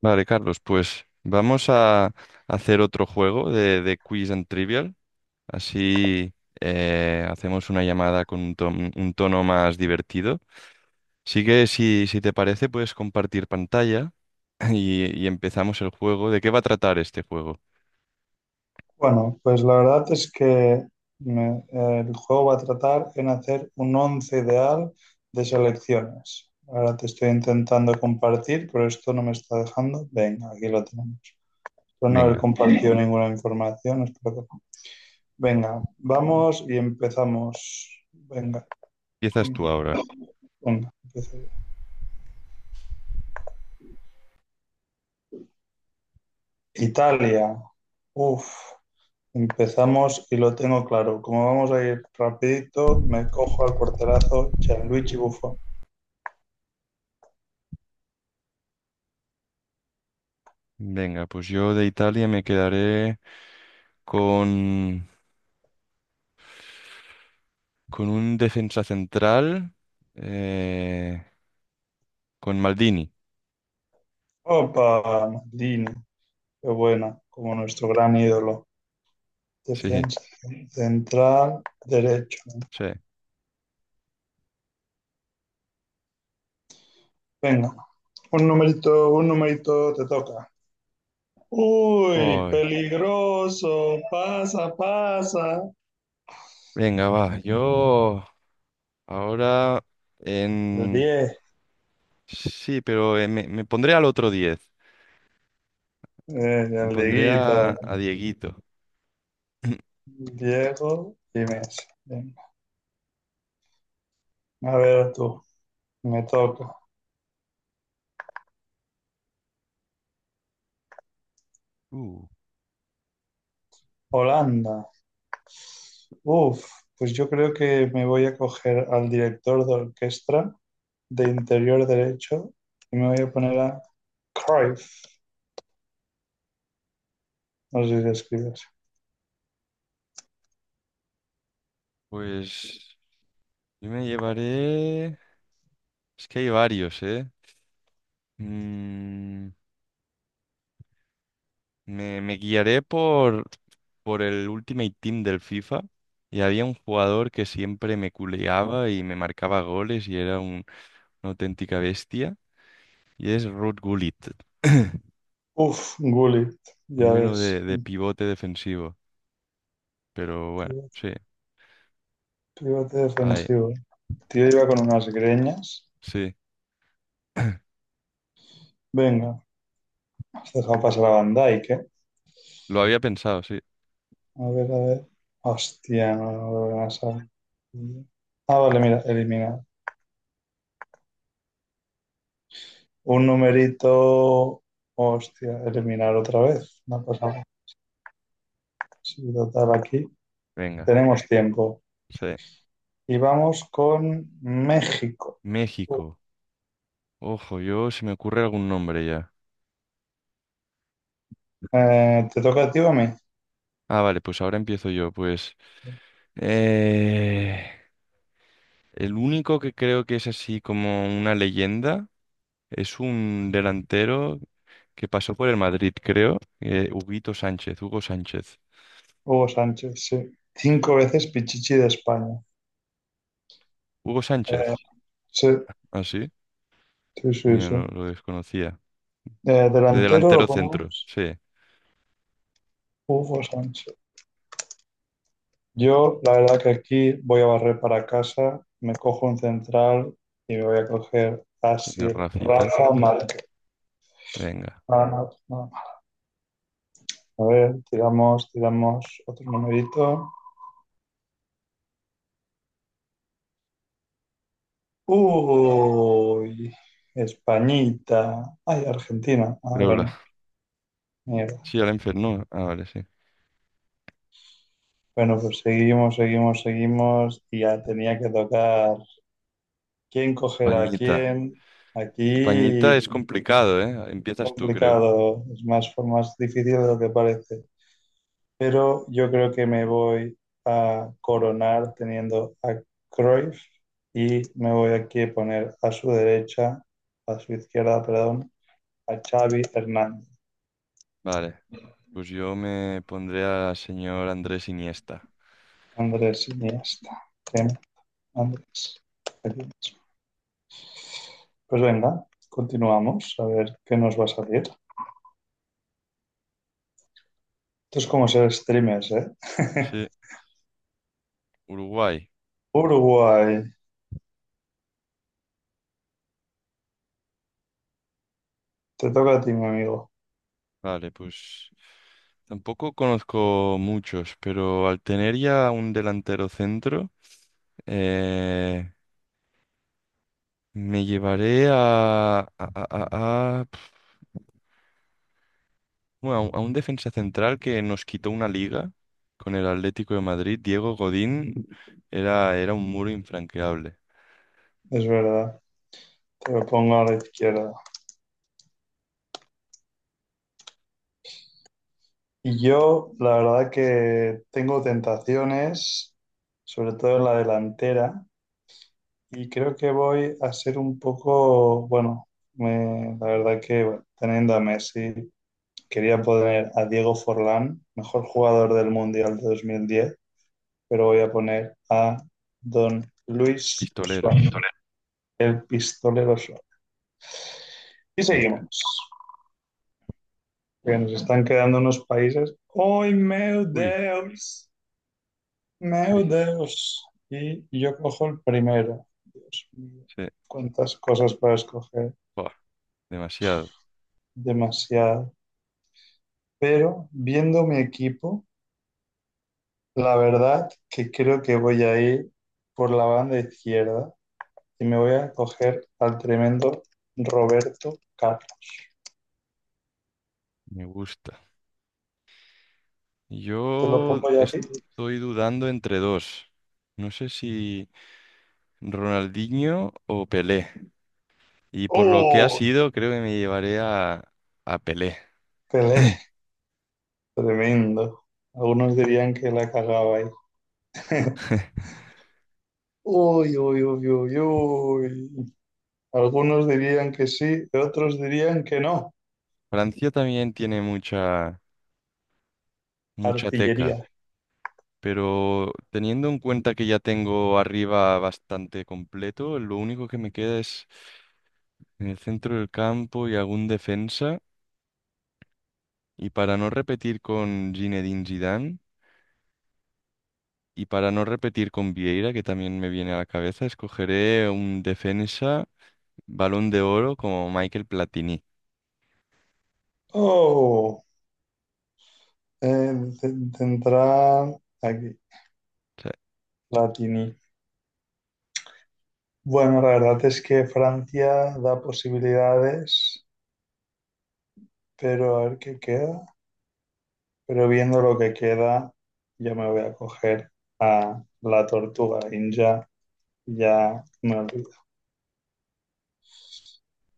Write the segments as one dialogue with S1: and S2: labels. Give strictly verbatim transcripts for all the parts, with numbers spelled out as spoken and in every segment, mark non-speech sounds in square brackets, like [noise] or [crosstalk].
S1: Vale, Carlos, pues vamos a hacer otro juego de, de quiz and trivial. Así eh, hacemos una llamada con un, ton- un tono más divertido. Así que si, si te parece, puedes compartir pantalla [laughs] [clears throat] y, y empezamos el juego. ¿De qué va a tratar este juego?
S2: Bueno, pues la verdad es que me- eh, el juego va a tratar en hacer un once ideal de selecciones. Ahora te estoy intentando compartir, pero esto no me está dejando. Venga, aquí lo tenemos. Espero no haber
S1: Venga,
S2: compartido [laughs] ninguna información, espero que no. Venga, vamos y empezamos. Venga,
S1: empiezas
S2: ting,
S1: tú ahora.
S2: venga, empiezo yo. Italia. Uf, empezamos y lo tengo claro. Como vamos a ir rapidito, me cojo al porterazo Gianluigi Buffon.
S1: Venga, pues yo de Italia me quedaré con, con un defensa central, eh, con Maldini.
S2: Opa, Maldini, qué buena, como nuestro gran ídolo.
S1: Sí,
S2: Defensa central, derecho, ¿no?
S1: sí.
S2: Venga, un numerito, un numerito te toca. Uy,
S1: Ay,
S2: peligroso, pasa, pasa.
S1: venga, va. Yo ahora
S2: El
S1: en...
S2: diez,
S1: Sí, pero eh, me, me pondré al otro diez.
S2: eh,
S1: Me
S2: el
S1: pondré
S2: Dieguito,
S1: a, a Dieguito.
S2: Diego y Messi. Venga, a ver tú, me toca. Holanda, uf, pues yo creo que me voy a coger al director de orquesta de interior derecho y me voy a poner a Cruyff. No sé si se escribe así.
S1: Pues yo me llevaré... Es que hay varios, ¿eh? Mm, me, me guiaré por, por el Ultimate Team del FIFA. Y había un jugador que siempre me culeaba y me marcaba goles y era un- una auténtica bestia. Y es Ruud Gullit. [coughs] [clears throat]
S2: Uf, Gullit, ya
S1: Ponmelo
S2: ves.
S1: de, de pivote defensivo. Pero bueno,
S2: pivote-
S1: sí. Ahí,
S2: defensivo. El tío iba con unas greñas.
S1: sí. [clears throat]
S2: Venga, has dejado pasar a Van Dijk, ¿eh?
S1: Lo había pensado, sí.
S2: A ver, a ver. Hostia, no, no lo van a saber. Ah, vale, mira, eliminar. Un numerito. Hostia, eliminar otra vez. No pasa nada. Sí, total, aquí
S1: Venga,
S2: tenemos tiempo.
S1: sí.
S2: Y vamos con México.
S1: México. Ojo, yo se me ocurre algún nombre ya.
S2: Eh, te toca a ti o a mí.
S1: Ah, vale, pues ahora empiezo yo. Pues eh, el único que creo que es así como una leyenda es un delantero que pasó por el Madrid, creo. Eh, Huguito Sánchez, Hugo Sánchez.
S2: Hugo Sánchez, sí. Cinco veces Pichichi de España.
S1: Hugo
S2: Eh,
S1: Sánchez.
S2: sí,
S1: Ah, sí.
S2: sí, sí,
S1: Mira, no
S2: sí.
S1: lo desconocía.
S2: Eh,
S1: De
S2: delantero lo
S1: delantero centro,
S2: ponemos,
S1: sí.
S2: Hugo Sánchez. Yo, la verdad que aquí voy a barrer para casa, me cojo un central y me voy a coger así
S1: Señor Rafita.
S2: Rafa Márquez.
S1: Venga.
S2: Ah, no, no. A ver, tiramos, tiramos otro numerito. Uy, Españita. Ay, Argentina. Ah,
S1: Creo
S2: bueno. Mira,
S1: sí, al enfermo. Ah, vale, sí.
S2: bueno, pues seguimos, seguimos, seguimos. Y ya tenía que tocar quién coger a
S1: Pañita.
S2: quién.
S1: Pañita es
S2: Aquí
S1: complicado, ¿eh? Empiezas tú, creo.
S2: complicado, es más, fue más difícil de lo que parece. Pero yo creo que me voy a coronar teniendo a Cruyff y me voy aquí a poner a su derecha, a su izquierda, perdón, a Xavi Hernández.
S1: Vale. Pues yo me pondré al señor Andrés Iniesta.
S2: Andrés Iniesta. Bien, Andrés. Pues venga, continuamos a ver qué nos va a salir. Esto es como ser streamers, ¿eh? [laughs]
S1: Sí, Uruguay.
S2: Uruguay, te toca a ti, mi amigo.
S1: Vale, pues tampoco conozco muchos, pero al tener ya un delantero centro, eh, me llevaré a, a, a, a- pf, bueno, a un a un defensa central que nos quitó una liga con el Atlético de Madrid, Diego Godín, era, era un muro infranqueable.
S2: Es verdad, te lo pongo a la izquierda. Y yo, la verdad que tengo tentaciones, sobre todo en la delantera, y creo que voy a ser un poco, bueno, me- la verdad que bueno, teniendo a Messi, quería poner a Diego Forlán, mejor jugador del Mundial de dos mil diez, pero voy a poner a Don Luis
S1: Pistolero.
S2: Suárez, el pistolero. Y
S1: Venga.
S2: seguimos. Que nos están quedando unos países. ¡Ay, meu
S1: Uy,
S2: Deus! ¡Meu
S1: uy.
S2: Deus! Y yo cojo el primero. Dios mío,
S1: Sí.
S2: cuántas cosas para escoger.
S1: Buah, demasiado.
S2: Demasiado. Pero viendo mi equipo, la verdad que creo que voy a ir por la banda izquierda y me voy a coger al tremendo Roberto Carlos.
S1: Me gusta.
S2: Te lo
S1: Yo
S2: pongo ya aquí.
S1: estoy dudando entre dos. No sé si Ronaldinho o Pelé. Y por lo que ha
S2: ¡Oh!
S1: sido, creo que me llevaré a, a Pelé.
S2: Pelé, tremendo. Algunos dirían que la cagaba ahí. Uy, uy, uy, uy, uy. Algunos dirían que sí, otros dirían que no.
S1: Francia también tiene mucha, mucha teca.
S2: Artillería.
S1: Pero teniendo en cuenta que ya tengo arriba bastante completo, lo único que me queda es en el centro del campo y algún defensa. Y para no repetir con Zinedine Zidane y para no repetir con Vieira, que también me viene a la cabeza, escogeré un defensa Balón de Oro como Michael Platini.
S2: Oh, eh, te- tendrá aquí,
S1: O sea,
S2: Latini. Bueno, la verdad es que Francia da posibilidades, pero a ver qué queda. Pero viendo lo que queda, yo me voy a coger a la tortuga ninja. Ya me olvido.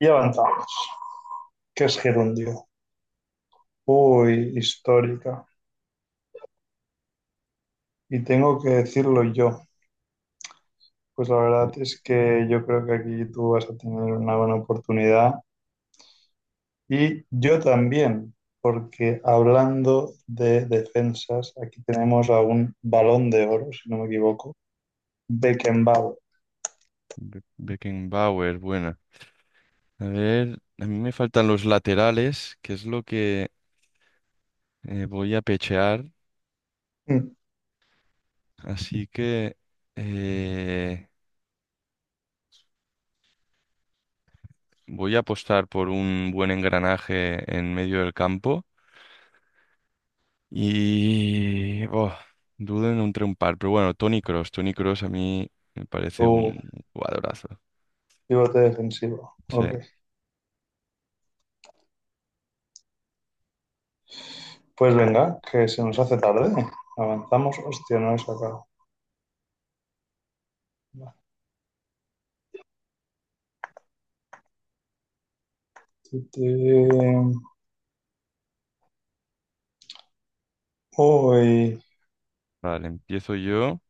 S2: Y avanzamos. ¿Qué es gerundio? Uy, histórica. Y tengo que decirlo yo. Pues la
S1: eh,
S2: verdad es que yo creo que aquí tú vas a tener una buena oportunidad y yo también, porque hablando de defensas, aquí tenemos a un balón de oro, si no me equivoco, Beckenbauer.
S1: Be- Beckenbauer, buena. A ver, a mí me faltan los laterales, que es lo que eh, voy a pechear,
S2: Mm,
S1: así que eh, voy a apostar por un buen engranaje en medio del campo. Y oh, dudo en entre un par, pero bueno, Tony Cross, Tony Cross a mí me parece
S2: tu
S1: un jugadorazo.
S2: pivote defensivo.
S1: Sí,
S2: Ok, pues venga, que se nos hace tarde. Avanzamos, hostia, no he sacado. Uy,
S1: vale, empiezo yo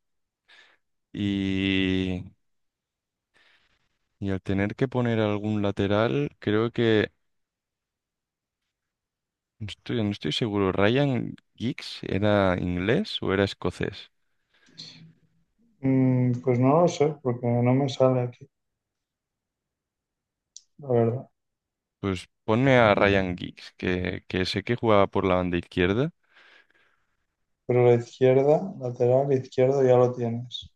S1: y, y al tener que poner algún lateral, creo que no estoy, no estoy seguro, ¿Ryan Giggs era inglés o era escocés?
S2: mm, pues no lo sé, porque no me sale aquí, la verdad.
S1: Pues ponme a Ryan Giggs, que, que sé que jugaba por la banda izquierda.
S2: Pero la izquierda, lateral, izquierdo ya lo tienes.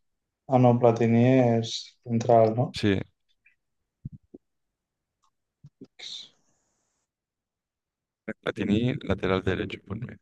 S2: Ah, no, Platini es central, ¿no?
S1: Sí, la tenía lateral derecho, ponme.